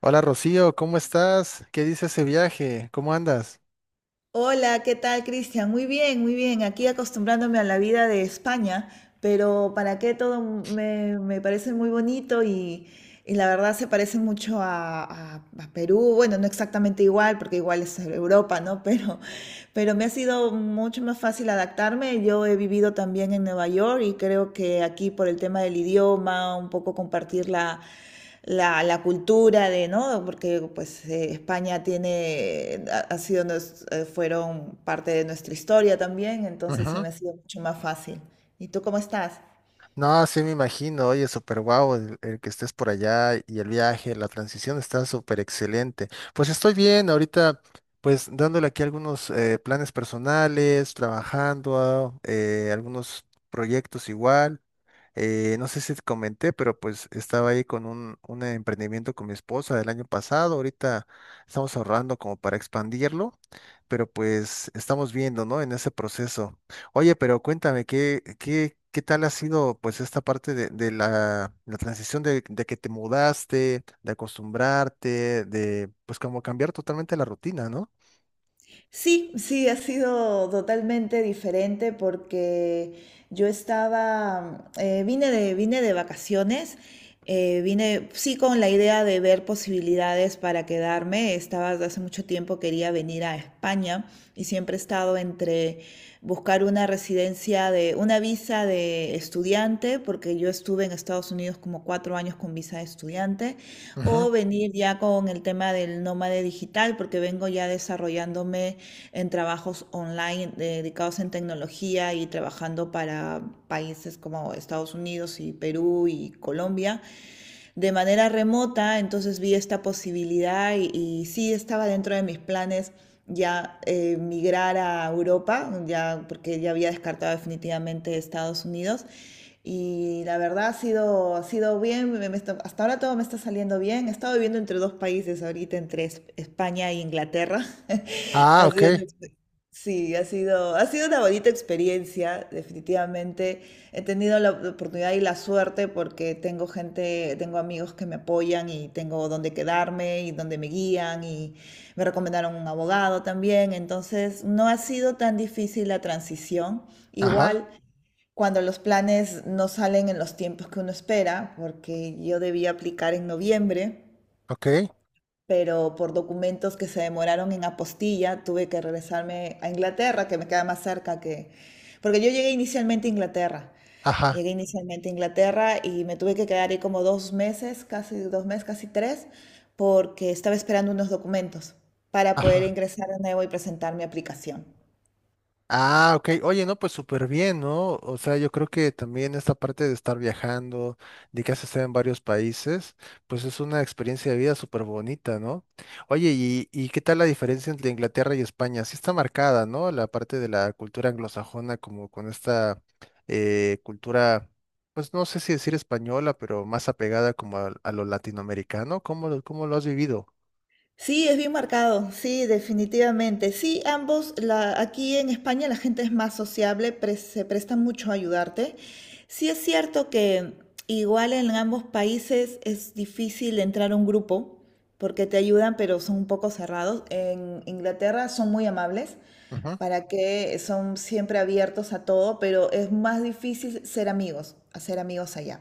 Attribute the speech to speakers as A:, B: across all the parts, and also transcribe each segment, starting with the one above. A: Hola Rocío, ¿cómo estás? ¿Qué dice ese viaje? ¿Cómo andas?
B: Hola, ¿qué tal, Cristian? Muy bien, muy bien. Aquí acostumbrándome a la vida de España, pero para qué todo me parece muy bonito y la verdad se parece mucho a Perú. Bueno, no exactamente igual, porque igual es Europa, ¿no? Pero me ha sido mucho más fácil adaptarme. Yo he vivido también en Nueva York y creo que aquí por el tema del idioma, un poco compartir la cultura de, ¿no? Porque pues España tiene, ha sido, fueron parte de nuestra historia también, entonces se
A: Ujú.
B: me ha sido mucho más fácil. ¿Y tú cómo estás?
A: No, sí me imagino, oye, súper guau el que estés por allá y el viaje, la transición está súper excelente. Pues estoy bien, ahorita pues dándole aquí algunos planes personales, trabajando, algunos proyectos igual. No sé si te comenté, pero pues estaba ahí con un emprendimiento con mi esposa del año pasado. Ahorita estamos ahorrando como para expandirlo, pero pues estamos viendo, ¿no? En ese proceso. Oye, pero cuéntame, ¿qué tal ha sido pues esta parte de la transición de que te mudaste, de acostumbrarte, de pues como cambiar totalmente la rutina, ¿no?
B: Sí, sí, ha sido totalmente diferente porque vine de vacaciones, vine sí con la idea de ver posibilidades para quedarme. Estaba desde hace mucho tiempo, quería venir a España y siempre he estado entre buscar una residencia de, una visa de estudiante, porque yo estuve en Estados Unidos como 4 años con visa de estudiante,
A: Ujú.
B: o venir ya con el tema del nómade digital, porque vengo ya desarrollándome en trabajos online dedicados en tecnología y trabajando para países como Estados Unidos y Perú y Colombia de manera remota, entonces vi esta posibilidad y sí estaba dentro de mis planes ya migrar a Europa, ya, porque ya había descartado definitivamente Estados Unidos. Y la verdad ha sido bien, hasta ahora todo me está saliendo bien. He estado viviendo entre dos países ahorita, entre España e Inglaterra.
A: Ah,
B: Ha
A: ok.
B: sido una expe- Sí, ha sido una bonita experiencia, definitivamente. He tenido la oportunidad y la suerte porque tengo gente, tengo amigos que me apoyan y tengo donde quedarme y donde me guían y me recomendaron un abogado también. Entonces, no ha sido tan difícil la transición.
A: Ajá,
B: Igual, cuando los planes no salen en los tiempos que uno espera, porque yo debía aplicar en noviembre,
A: ok.
B: pero por documentos que se demoraron en apostilla, tuve que regresarme a Inglaterra, que me queda más cerca que. Porque yo llegué inicialmente a Inglaterra.
A: Ajá,
B: Llegué inicialmente a Inglaterra y me tuve que quedar ahí como 2 meses, casi dos meses, casi tres, porque estaba esperando unos documentos para poder
A: ajá.
B: ingresar de nuevo y presentar mi aplicación.
A: Ah, ok. Oye, no, pues súper bien, ¿no? O sea, yo creo que también esta parte de estar viajando, de que has estado en varios países, pues es una experiencia de vida súper bonita, ¿no? Oye, ¿y qué tal la diferencia entre Inglaterra y España? Sí está marcada, ¿no? La parte de la cultura anglosajona, como con esta cultura, pues no sé si decir española, pero más apegada como a lo latinoamericano. ¿Cómo, cómo lo has vivido?
B: Sí, es bien marcado, sí, definitivamente. Sí, ambos, aquí en España la gente es más sociable, se presta mucho a ayudarte. Sí es cierto que igual en ambos países es difícil entrar a un grupo porque te ayudan, pero son un poco cerrados. En Inglaterra son muy amables,
A: Ujú,
B: para que son siempre abiertos a todo, pero es más difícil ser amigos, hacer amigos allá.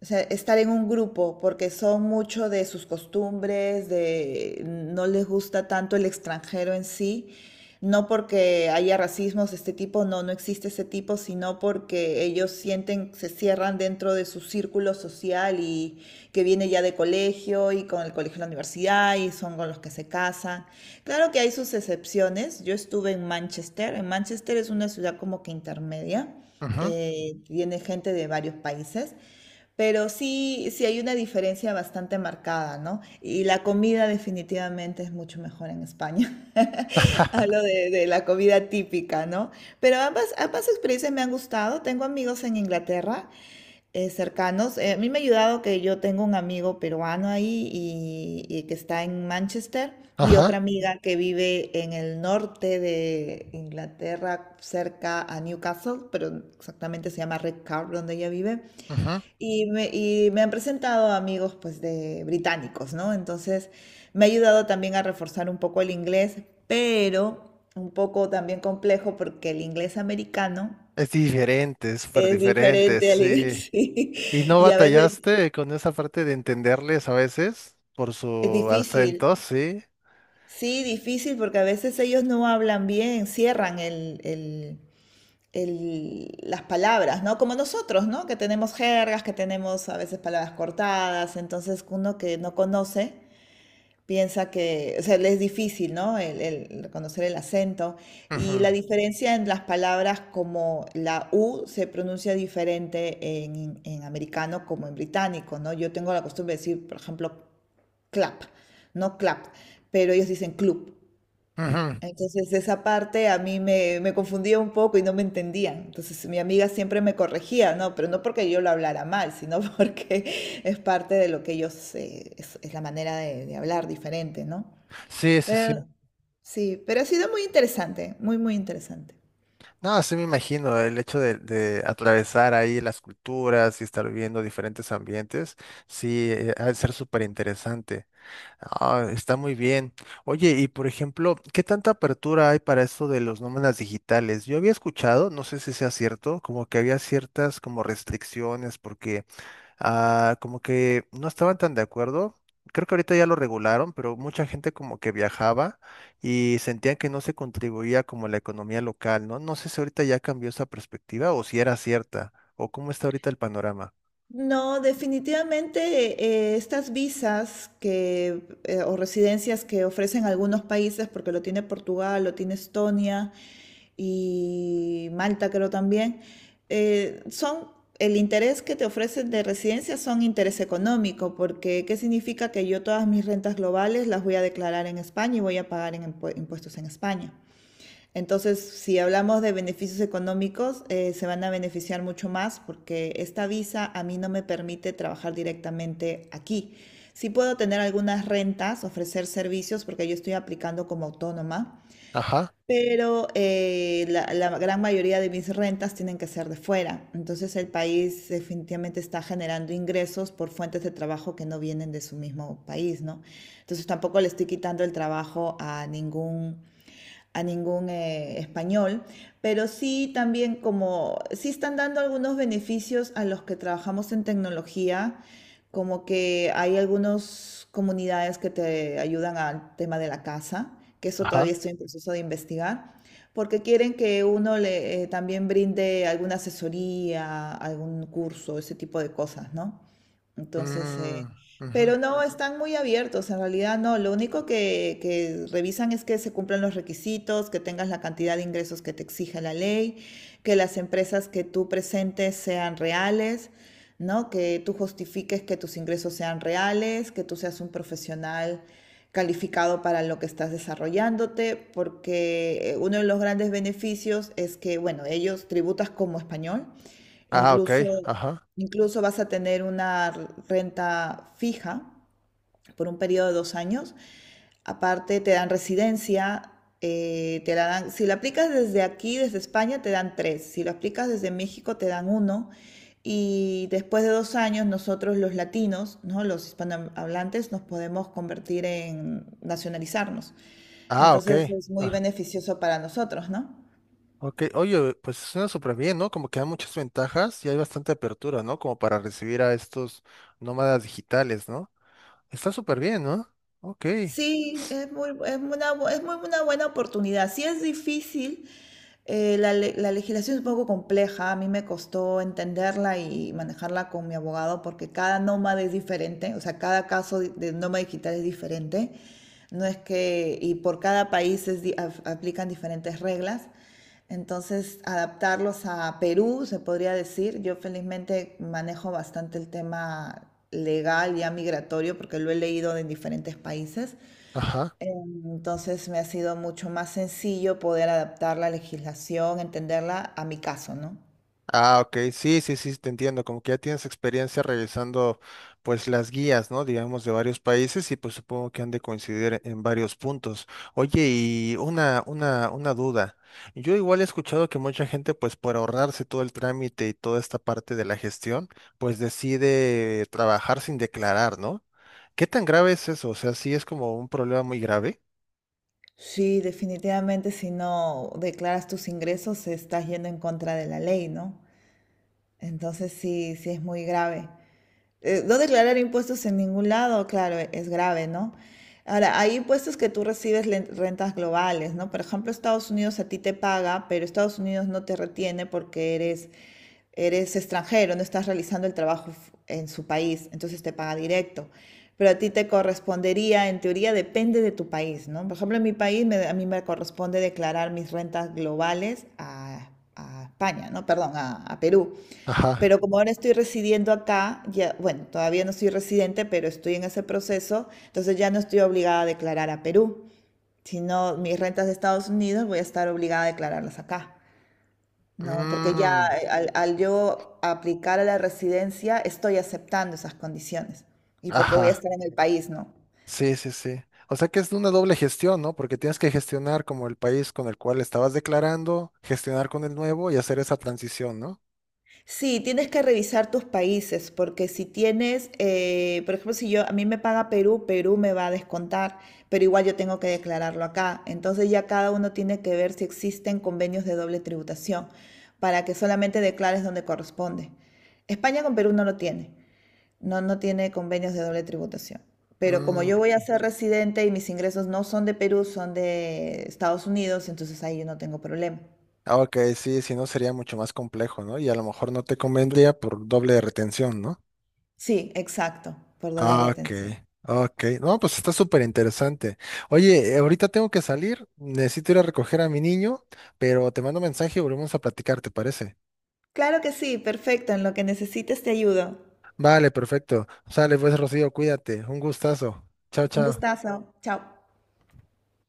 B: O sea, estar en un grupo, porque son mucho de sus costumbres, de no les gusta tanto el extranjero en sí, no porque haya racismos de este tipo, no, no existe ese tipo, sino porque ellos sienten, se cierran dentro de su círculo social y que viene ya de colegio y con el colegio de la universidad y son con los que se casan. Claro que hay sus excepciones. Yo estuve en Manchester. En Manchester es una ciudad como que intermedia.
A: ujú,
B: Tiene gente de varios países. Pero sí, sí hay una diferencia bastante marcada, ¿no? Y la comida definitivamente es mucho mejor en España. Hablo de la comida típica, ¿no? Pero ambas experiencias me han gustado. Tengo amigos en Inglaterra cercanos. A mí me ha ayudado que yo tengo un amigo peruano ahí y que está en Manchester y
A: Ajá,
B: otra amiga que vive en el norte de Inglaterra, cerca a Newcastle, pero exactamente se llama Redcar, donde ella vive.
A: ujú.
B: Y me han presentado amigos pues de británicos, ¿no? Entonces me ha ayudado también a reforzar un poco el inglés, pero un poco también complejo porque el inglés americano
A: Es diferente, es súper
B: es
A: diferente,
B: diferente al
A: sí.
B: inglés, sí,
A: ¿Y no
B: y a veces
A: batallaste con esa parte de entenderles a veces por
B: es
A: su
B: difícil.
A: acento? Sí.
B: Sí, difícil porque a veces ellos no hablan bien, cierran las palabras, ¿no? Como nosotros, ¿no? Que tenemos jergas, que tenemos a veces palabras cortadas, entonces uno que no conoce piensa que, o sea, le es difícil, ¿no? El reconocer el acento. Y
A: Ujú,
B: la diferencia en las palabras como la U se pronuncia diferente en americano como en británico, ¿no? Yo tengo la costumbre de decir, por ejemplo, clap, no clap, pero ellos dicen club.
A: ujú.
B: Entonces esa parte a mí me confundía un poco y no me entendían. Entonces mi amiga siempre me corregía, ¿no? Pero no porque yo lo hablara mal, sino porque es parte de lo que ellos, es la manera de hablar diferente, ¿no?
A: Sí, sí, sí.
B: Pero- sí, pero ha sido muy interesante, muy, muy interesante.
A: No, sí me imagino el hecho de atravesar ahí las culturas y estar viviendo diferentes ambientes, sí, ha de ser súper interesante. Ah, está muy bien. Oye, y por ejemplo, ¿qué tanta apertura hay para esto de los nómadas digitales? Yo había escuchado, no sé si sea cierto, como que había ciertas como restricciones porque Ah, como que no estaban tan de acuerdo. Creo que ahorita ya lo regularon, pero mucha gente como que viajaba y sentían que no se contribuía como a la economía local, ¿no? No sé si ahorita ya cambió esa perspectiva o si era cierta o cómo está ahorita el panorama.
B: No, definitivamente estas visas o residencias que ofrecen algunos países, porque lo tiene Portugal, lo tiene Estonia y Malta creo también, son el interés que te ofrecen de residencia son interés económico, porque ¿qué significa que yo todas mis rentas globales las voy a declarar en España y voy a pagar en impuestos en España? Entonces, si hablamos de beneficios económicos, se van a beneficiar mucho más porque esta visa a mí no me permite trabajar directamente aquí. Sí puedo tener algunas rentas, ofrecer servicios porque yo estoy aplicando como autónoma,
A: Ajá,
B: pero la gran mayoría de mis rentas tienen que ser de fuera. Entonces, el país definitivamente está generando ingresos por fuentes de trabajo que no vienen de su mismo país, ¿no? Entonces, tampoco le estoy quitando el trabajo a ningún español, pero sí también como, sí están dando algunos beneficios a los que trabajamos en tecnología, como que hay algunas comunidades que te ayudan al tema de la casa, que eso
A: ajá.
B: todavía estoy en proceso de investigar, porque quieren que uno le también brinde alguna asesoría, algún curso, ese tipo de cosas, ¿no? Entonces,
A: Mm, ujú.
B: pero no, están muy abiertos, en realidad no. Lo único que revisan es que se cumplan los requisitos, que tengas la cantidad de ingresos que te exige la ley, que las empresas que tú presentes sean reales, ¿no? Que tú justifiques que tus ingresos sean reales, que tú seas un profesional calificado para lo que estás desarrollándote, porque uno de los grandes beneficios es que, bueno, ellos tributas como español.
A: Ah, ok,
B: Incluso,
A: ajá.
B: incluso, vas a tener una renta fija por un periodo de 2 años. Aparte, te dan residencia, te la dan, si la aplicas desde aquí, desde España, te dan tres. Si lo aplicas desde México, te dan uno. Y después de 2 años, nosotros los latinos, ¿no? Los hispanohablantes, nos podemos convertir en nacionalizarnos.
A: Ah, ok.
B: Entonces es muy
A: Ah,
B: beneficioso para nosotros, ¿no?
A: ok. Oye, pues suena súper bien, ¿no? Como que hay muchas ventajas y hay bastante apertura, ¿no? Como para recibir a estos nómadas digitales, ¿no? Está súper bien, ¿no? Ok.
B: Sí, es muy, es muy una buena oportunidad. Sí es difícil, la legislación es un poco compleja, a mí me costó entenderla y manejarla con mi abogado porque cada nómada es diferente, o sea, cada caso de nómada digital es diferente, no es que, y por cada país aplican diferentes reglas, entonces adaptarlos a Perú, se podría decir, yo felizmente manejo bastante el tema legal ya migratorio porque lo he leído en diferentes países.
A: Ajá.
B: Entonces me ha sido mucho más sencillo poder adaptar la legislación, entenderla a mi caso, ¿no?
A: Ah, ok. Sí, sí, sí, te entiendo. Como que ya tienes experiencia revisando, pues, las guías, ¿no? Digamos, de varios países y pues supongo que han de coincidir en varios puntos. Oye, y una duda. Yo igual he escuchado que mucha gente, pues, por ahorrarse todo el trámite y toda esta parte de la gestión, pues decide trabajar sin declarar, ¿no? ¿Qué tan grave es eso? O sea, sí es como un problema muy grave.
B: Sí, definitivamente si no declaras tus ingresos estás yendo en contra de la ley, ¿no? Entonces sí, sí es muy grave. No declarar impuestos en ningún lado, claro, es grave, ¿no? Ahora, hay impuestos que tú recibes rentas globales, ¿no? Por ejemplo, Estados Unidos a ti te paga, pero Estados Unidos no te retiene porque eres extranjero, no estás realizando el trabajo en su país, entonces te paga directo. Pero a ti te correspondería, en teoría, depende de tu país, ¿no? Por ejemplo, en mi país a mí me corresponde declarar mis rentas globales a España, ¿no? Perdón, a Perú.
A: Ajá.
B: Pero como ahora estoy residiendo acá, ya, bueno, todavía no soy residente, pero estoy en ese proceso, entonces ya no estoy obligada a declarar a Perú, sino mis rentas de Estados Unidos voy a estar obligada a declararlas acá. No, porque ya
A: Mm,
B: al yo aplicar a la residencia estoy aceptando esas condiciones y porque voy a
A: ajá.
B: estar en el país, ¿no?
A: Sí, sí, sí. O sea que es una doble gestión, ¿no? Porque tienes que gestionar como el país con el cual estabas declarando, gestionar con el nuevo y hacer esa transición, ¿no?
B: Sí, tienes que revisar tus países, porque por ejemplo, si yo, a mí me paga Perú, Perú me va a descontar, pero igual yo tengo que declararlo acá. Entonces ya cada uno tiene que ver si existen convenios de doble tributación, para que solamente declares donde corresponde. España con Perú no lo tiene, no, no tiene convenios de doble tributación. Pero como
A: Mm,
B: yo voy a ser residente y mis ingresos no son de Perú, son de Estados Unidos, entonces ahí yo no tengo problema.
A: ah, ok, sí, si no sería mucho más complejo, ¿no? Y a lo mejor no te convendría por doble retención, ¿no?
B: Sí, exacto, por doble
A: Ah, ok,
B: retención.
A: ok. No, pues está súper interesante. Oye, ahorita tengo que salir, necesito ir a recoger a mi niño, pero te mando mensaje y volvemos a platicar, ¿te parece?
B: Claro que sí, perfecto. En lo que necesites te ayudo.
A: Vale, perfecto. Sale pues, Rocío, cuídate. Un gustazo. Chao,
B: Un
A: chao.
B: gustazo. Chao.